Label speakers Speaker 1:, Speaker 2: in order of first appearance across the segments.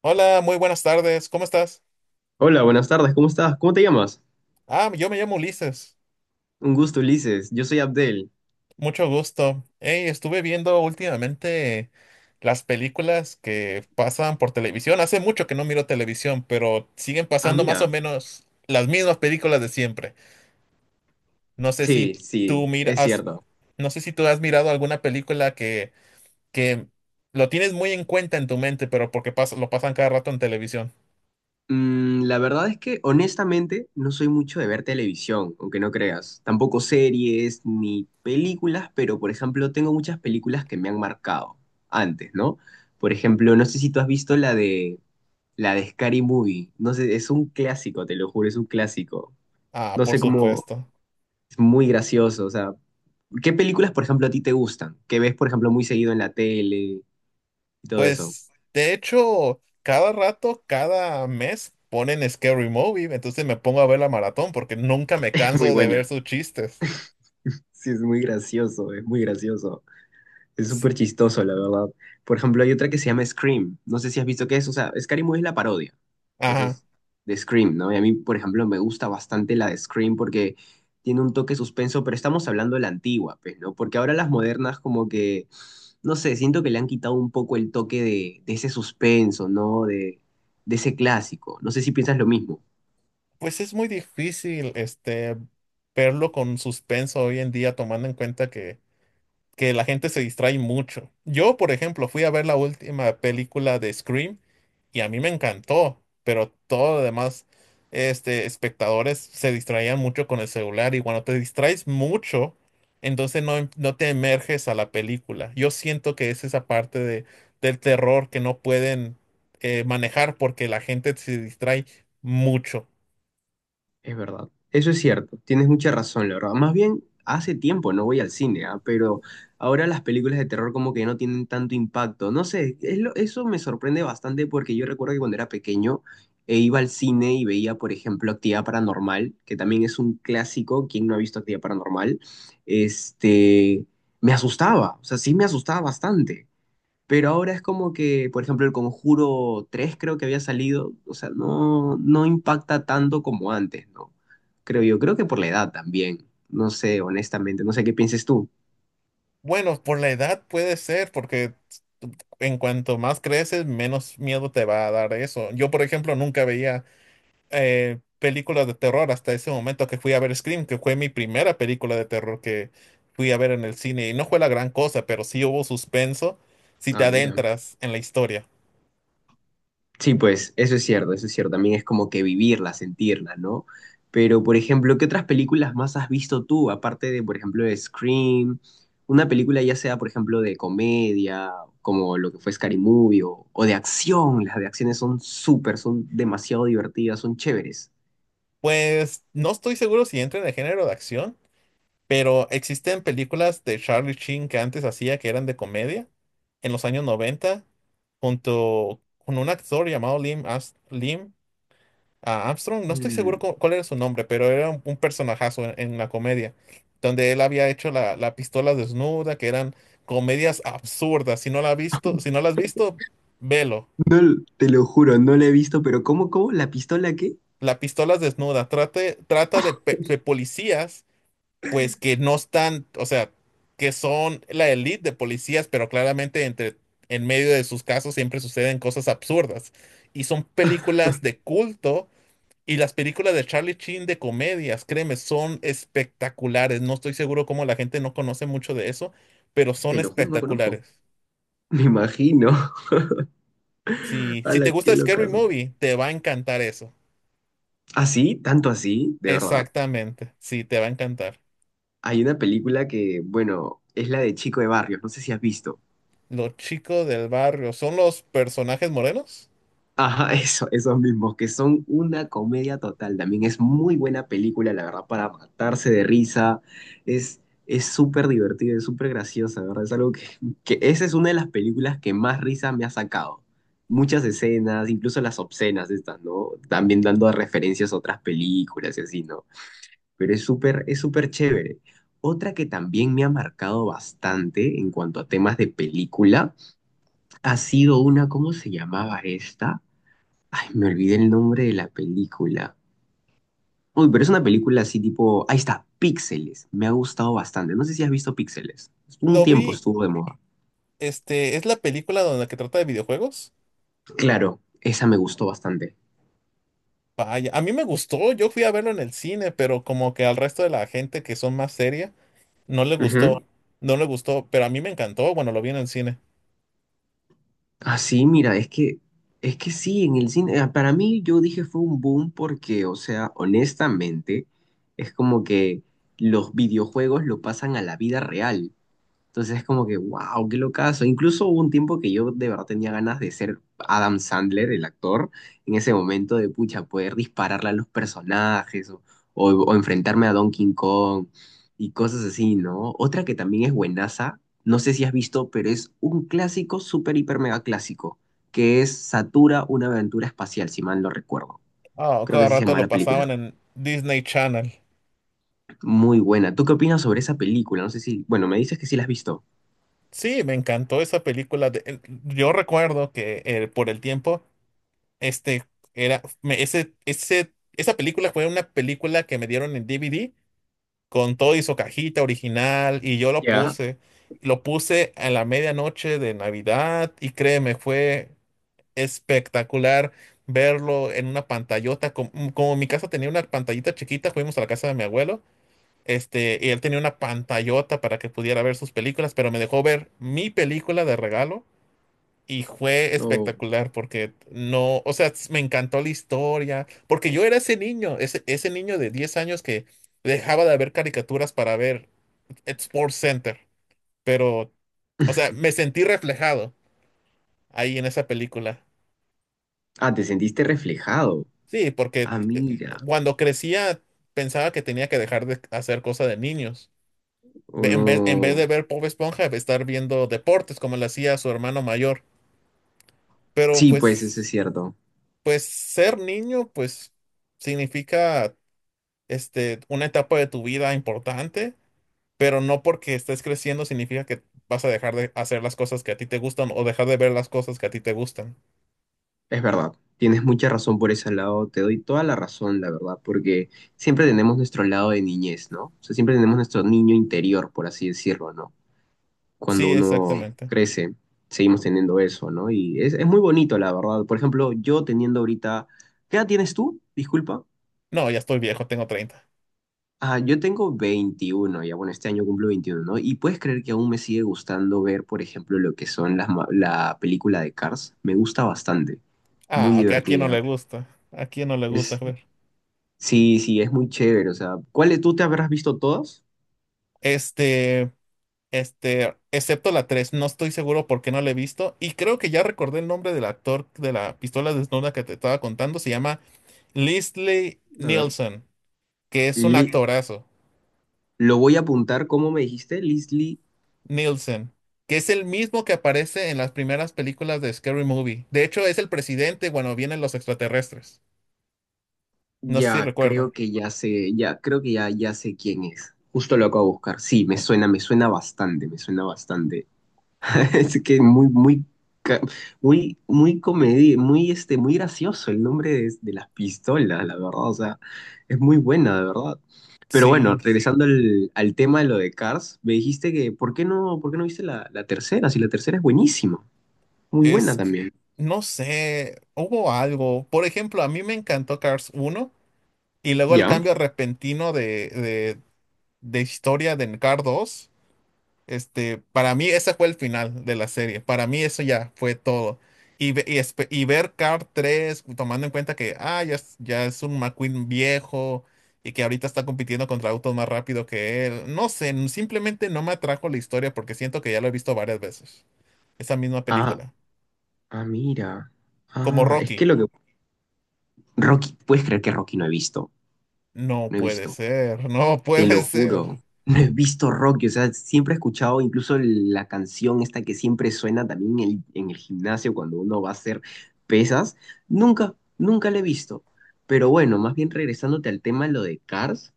Speaker 1: Hola, muy buenas tardes. ¿Cómo estás?
Speaker 2: Hola, buenas tardes, ¿cómo estás? ¿Cómo te llamas?
Speaker 1: Ah, yo me llamo Ulises.
Speaker 2: Un gusto, Ulises. Yo soy Abdel.
Speaker 1: Mucho gusto. Hey, estuve viendo últimamente las películas que pasan por televisión. Hace mucho que no miro televisión, pero siguen
Speaker 2: Ah,
Speaker 1: pasando más o
Speaker 2: mira.
Speaker 1: menos las mismas películas de siempre. No sé si
Speaker 2: Sí, sí,
Speaker 1: tú
Speaker 2: es
Speaker 1: miras,
Speaker 2: cierto.
Speaker 1: no sé si tú has mirado alguna película que lo tienes muy en cuenta en tu mente, pero porque pasa, lo pasan cada rato en televisión.
Speaker 2: La verdad es que honestamente no soy mucho de ver televisión, aunque no creas. Tampoco series ni películas, pero por ejemplo tengo muchas películas que me han marcado antes, ¿no? Por ejemplo, no sé si tú has visto la de Scary Movie. No sé, es un clásico, te lo juro, es un clásico.
Speaker 1: Ah,
Speaker 2: No
Speaker 1: por
Speaker 2: sé cómo.
Speaker 1: supuesto.
Speaker 2: Es muy gracioso, o sea, ¿qué películas, por ejemplo, a ti te gustan? Que ves, por ejemplo, muy seguido en la tele y todo eso.
Speaker 1: Pues, de hecho, cada rato, cada mes ponen Scary Movie, entonces me pongo a ver la maratón porque nunca me
Speaker 2: Es muy
Speaker 1: canso de ver
Speaker 2: buena.
Speaker 1: sus chistes.
Speaker 2: Sí, es muy gracioso, es muy gracioso. Es
Speaker 1: Sí.
Speaker 2: súper chistoso, la verdad. Por ejemplo, hay otra que se llama Scream. No sé si has visto qué es. O sea, Scary Movie es la parodia.
Speaker 1: Ajá.
Speaker 2: Entonces, de Scream, ¿no? Y a mí, por ejemplo, me gusta bastante la de Scream porque tiene un toque suspenso, pero estamos hablando de la antigua, pues, ¿no? Porque ahora las modernas como que, no sé, siento que le han quitado un poco el toque de ese suspenso, ¿no? De ese clásico. No sé si piensas lo mismo.
Speaker 1: Pues es muy difícil, verlo con suspenso hoy en día, tomando en cuenta que la gente se distrae mucho. Yo, por ejemplo, fui a ver la última película de Scream y a mí me encantó, pero todos los demás espectadores se distraían mucho con el celular y cuando te distraes mucho, entonces no te emerges a la película. Yo siento que es esa parte del terror que no pueden manejar porque la gente se distrae mucho.
Speaker 2: Es verdad, eso es cierto, tienes mucha razón, la verdad. Más bien, hace tiempo no voy al cine. Ah, pero ahora las películas de terror como que no tienen tanto impacto. No sé, eso me sorprende bastante porque yo recuerdo que cuando era pequeño iba al cine y veía, por ejemplo, Actividad Paranormal, que también es un clásico. ¿Quién no ha visto Actividad Paranormal? Este, me asustaba, o sea, sí me asustaba bastante. Pero ahora es como que, por ejemplo, el Conjuro 3 creo que había salido, o sea, no, no impacta tanto como antes, ¿no? Creo yo, creo que por la edad también, no sé, honestamente, no sé qué pienses tú.
Speaker 1: Bueno, por la edad puede ser, porque en cuanto más creces, menos miedo te va a dar eso. Yo, por ejemplo, nunca veía películas de terror hasta ese momento que fui a ver Scream, que fue mi primera película de terror que fui a ver en el cine. Y no fue la gran cosa, pero sí hubo suspenso si te
Speaker 2: Ah, mira.
Speaker 1: adentras en la historia.
Speaker 2: Sí, pues eso es cierto, eso es cierto. También es como que vivirla, sentirla, ¿no? Pero, por ejemplo, ¿qué otras películas más has visto tú, aparte de, por ejemplo, de Scream? Una película ya sea, por ejemplo, de comedia, como lo que fue Scary Movie, o de acción. Las de acciones son súper, son demasiado divertidas, son chéveres.
Speaker 1: Pues no estoy seguro si entra en el género de acción, pero existen películas de Charlie Sheen que antes hacía que eran de comedia en los años 90 junto con un actor llamado Lim a Armstrong, no estoy seguro
Speaker 2: Mm.
Speaker 1: cuál era su nombre, pero era un personajazo en la comedia, donde él había hecho la pistola desnuda, que eran comedias absurdas. Si no la has visto, si no la has visto, velo.
Speaker 2: No, te lo juro, no la he visto, pero ¿cómo, cómo? ¿La pistola qué?
Speaker 1: La pistola desnuda trata de policías, pues que no están, o sea, que son la elite de policías, pero claramente en medio de sus casos siempre suceden cosas absurdas. Y son películas de culto. Y las películas de Charlie Sheen de comedias, créeme, son espectaculares. No estoy seguro cómo la gente no conoce mucho de eso, pero son
Speaker 2: Te lo juro, no conozco.
Speaker 1: espectaculares.
Speaker 2: Me imagino.
Speaker 1: Si te
Speaker 2: La qué
Speaker 1: gusta Scary
Speaker 2: locazo.
Speaker 1: Movie, te va a encantar eso.
Speaker 2: ¿Ah, sí? ¿Tanto así? ¿De verdad?
Speaker 1: Exactamente, sí, te va a encantar.
Speaker 2: Hay una película que, bueno, es la de Chico de Barrios, no sé si has visto.
Speaker 1: Los chicos del barrio, ¿son los personajes morenos?
Speaker 2: Ajá, eso, esos mismos, que son una comedia total. También es muy buena película, la verdad, para matarse de risa. Es, es súper divertida, es súper graciosa, ¿verdad? Es algo que, esa es una de las películas que más risa me ha sacado. Muchas escenas, incluso las obscenas estas, ¿no? También dando referencias a otras películas y así, ¿no? Pero es súper chévere. Otra que también me ha marcado bastante en cuanto a temas de película ha sido una. ¿Cómo se llamaba esta? Ay, me olvidé el nombre de la película. Uy, pero es una película así tipo, ahí está, Píxeles. Me ha gustado bastante. No sé si has visto Píxeles. Un
Speaker 1: Lo
Speaker 2: tiempo
Speaker 1: vi,
Speaker 2: estuvo de moda.
Speaker 1: es la película donde que trata de videojuegos.
Speaker 2: Claro, esa me gustó bastante.
Speaker 1: Vaya, a mí me gustó, yo fui a verlo en el cine, pero como que al resto de la gente que son más seria, No le
Speaker 2: Ujú.
Speaker 1: gustó, no le gustó, pero a mí me encantó, bueno, lo vi en el cine.
Speaker 2: Así, mira, es que sí, en el cine, para mí yo dije fue un boom porque, o sea, honestamente, es como que los videojuegos lo pasan a la vida real. Entonces es como que, wow, qué locazo. Incluso hubo un tiempo que yo de verdad tenía ganas de ser Adam Sandler, el actor, en ese momento de pucha, poder dispararle a los personajes o enfrentarme a Donkey Kong y cosas así, ¿no? Otra que también es buenaza, no sé si has visto, pero es un clásico, súper, hiper, mega clásico, que es Satura, una aventura espacial, si mal no recuerdo.
Speaker 1: Ah,
Speaker 2: Creo que
Speaker 1: cada
Speaker 2: así se
Speaker 1: rato
Speaker 2: llama la
Speaker 1: lo pasaban
Speaker 2: película.
Speaker 1: en Disney Channel.
Speaker 2: Muy buena. ¿Tú qué opinas sobre esa película? No sé si, bueno, me dices que sí la has visto.
Speaker 1: Sí, me encantó esa película. Yo recuerdo que por el tiempo, este era, me- ese, esa película fue una película que me dieron en DVD con todo y su cajita original y yo lo
Speaker 2: Ya,
Speaker 1: puse. Lo puse a la medianoche de Navidad y créeme, fue espectacular verlo en una pantallota. Como mi casa tenía una pantallita chiquita, fuimos a la casa de mi abuelo, y él tenía una pantallota para que pudiera ver sus películas, pero me dejó ver mi película de regalo y fue
Speaker 2: no.
Speaker 1: espectacular porque no, o sea, me encantó la historia, porque yo era ese niño, ese niño de 10 años que dejaba de ver caricaturas para ver Sports Center, pero, o sea, me sentí reflejado ahí en esa película.
Speaker 2: Ah, te sentiste reflejado.
Speaker 1: Sí, porque
Speaker 2: Ah, mira.
Speaker 1: cuando crecía pensaba que tenía que dejar de hacer cosas de niños.
Speaker 2: O
Speaker 1: En vez
Speaker 2: no.
Speaker 1: de ver Bob Esponja, estar viendo deportes como lo hacía su hermano mayor. Pero
Speaker 2: Sí, pues eso es
Speaker 1: pues,
Speaker 2: cierto.
Speaker 1: pues ser niño, pues significa una etapa de tu vida importante, pero no porque estés creciendo significa que vas a dejar de hacer las cosas que a ti te gustan o dejar de ver las cosas que a ti te gustan.
Speaker 2: Es verdad. Tienes mucha razón por ese lado. Te doy toda la razón, la verdad, porque siempre tenemos nuestro lado de niñez, ¿no? O sea, siempre tenemos nuestro niño interior, por así decirlo, ¿no?
Speaker 1: Sí,
Speaker 2: Cuando uno, sí,
Speaker 1: exactamente.
Speaker 2: crece, seguimos teniendo eso, ¿no? Y es muy bonito, la verdad. Por ejemplo, yo teniendo ahorita. ¿Qué edad tienes tú? Disculpa.
Speaker 1: No, ya estoy viejo, tengo 30.
Speaker 2: Ah, yo tengo 21. Ya bueno, este año cumplo 21, ¿no? Y puedes creer que aún me sigue gustando ver, por ejemplo, lo que son la película de Cars. Me gusta bastante, muy
Speaker 1: Ah, ok, ¿a quién no
Speaker 2: divertida.
Speaker 1: le gusta? ¿A quién no le gusta?
Speaker 2: Es, sí, sí, es muy chévere. O sea, ¿cuáles tú te habrás visto todas?
Speaker 1: Este, excepto la 3, no estoy seguro por qué no la he visto. Y creo que ya recordé el nombre del actor de la pistola desnuda que te estaba contando. Se llama Leslie
Speaker 2: A ver,
Speaker 1: Nielsen, que es un
Speaker 2: Li-
Speaker 1: actorazo.
Speaker 2: lo voy a apuntar, ¿cómo me dijiste? Leslie,
Speaker 1: Nielsen, que es el mismo que aparece en las primeras películas de Scary Movie. De hecho, es el presidente cuando vienen los extraterrestres. No sé si
Speaker 2: ya
Speaker 1: recuerda.
Speaker 2: creo que ya sé, ya creo que ya sé quién es. Justo lo acabo de buscar. Sí, me suena bastante, me suena bastante. Es que muy, muy, ca- muy, muy muy, muy gracioso el nombre de las pistolas, la verdad. O sea, es muy buena, de verdad. Pero bueno,
Speaker 1: Sí,
Speaker 2: regresando al tema de lo de Cars, me dijiste que, ¿por qué no viste la tercera? Si la tercera es buenísima, muy buena
Speaker 1: es que
Speaker 2: también.
Speaker 1: no sé, hubo algo. Por ejemplo, a mí me encantó Cars uno. Y luego el
Speaker 2: ¿Ya?
Speaker 1: cambio repentino de historia de Card dos, para mí ese fue el final de la serie. Para mí eso ya fue todo. Y ver Card tres tomando en cuenta que ya es un McQueen viejo y que ahorita está compitiendo contra autos más rápido que él. No sé, simplemente no me atrajo la historia porque siento que ya lo he visto varias veces. Esa misma
Speaker 2: Ah,
Speaker 1: película.
Speaker 2: ah, mira.
Speaker 1: Como
Speaker 2: Ah, es que
Speaker 1: Rocky.
Speaker 2: lo que. Rocky, ¿puedes creer que Rocky no he visto?
Speaker 1: No
Speaker 2: No he
Speaker 1: puede
Speaker 2: visto.
Speaker 1: ser, no
Speaker 2: Te lo
Speaker 1: puede ser.
Speaker 2: juro. No he visto Rocky, o sea, siempre he escuchado incluso la canción esta que siempre suena también en el gimnasio cuando uno va a hacer pesas. Nunca, nunca la he visto. Pero bueno, más bien regresándote al tema, lo de Cars,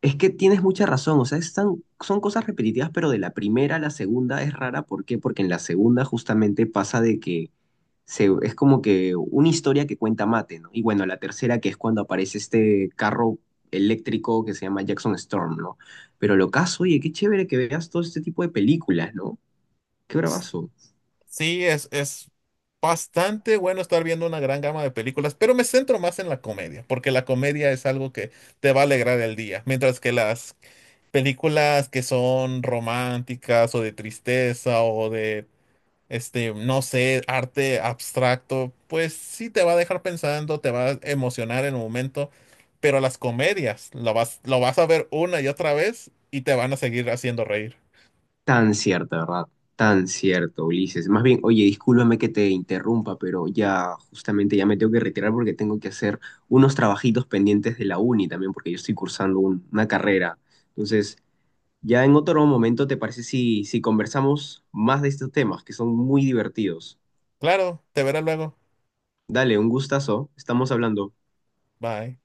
Speaker 2: es que tienes mucha razón, o sea, están, son cosas repetitivas, pero de la primera a la segunda es rara. ¿Por qué? Porque en la segunda justamente pasa de que es como que una historia que cuenta Mate, ¿no? Y bueno, la tercera que es cuando aparece este carro eléctrico que se llama Jackson Storm, ¿no? Pero lo caso, oye, qué chévere que veas todo este tipo de películas, ¿no? Qué bravazo.
Speaker 1: Sí, es bastante bueno estar viendo una gran gama de películas, pero me centro más en la comedia, porque la comedia es algo que te va a alegrar el día, mientras que las películas que son románticas o de tristeza o de, no sé, arte abstracto, pues sí te va a dejar pensando, te va a emocionar en el momento, pero las comedias lo vas a ver una y otra vez y te van a seguir haciendo reír.
Speaker 2: Tan cierto, ¿verdad? Tan cierto, Ulises. Más bien, oye, discúlpame que te interrumpa, pero ya justamente ya me tengo que retirar porque tengo que hacer unos trabajitos pendientes de la uni también, porque yo estoy cursando una carrera. Entonces, ya en otro momento, ¿te parece si conversamos más de estos temas que son muy divertidos?
Speaker 1: Claro, te verás luego.
Speaker 2: Dale, un gustazo. Estamos hablando.
Speaker 1: Bye.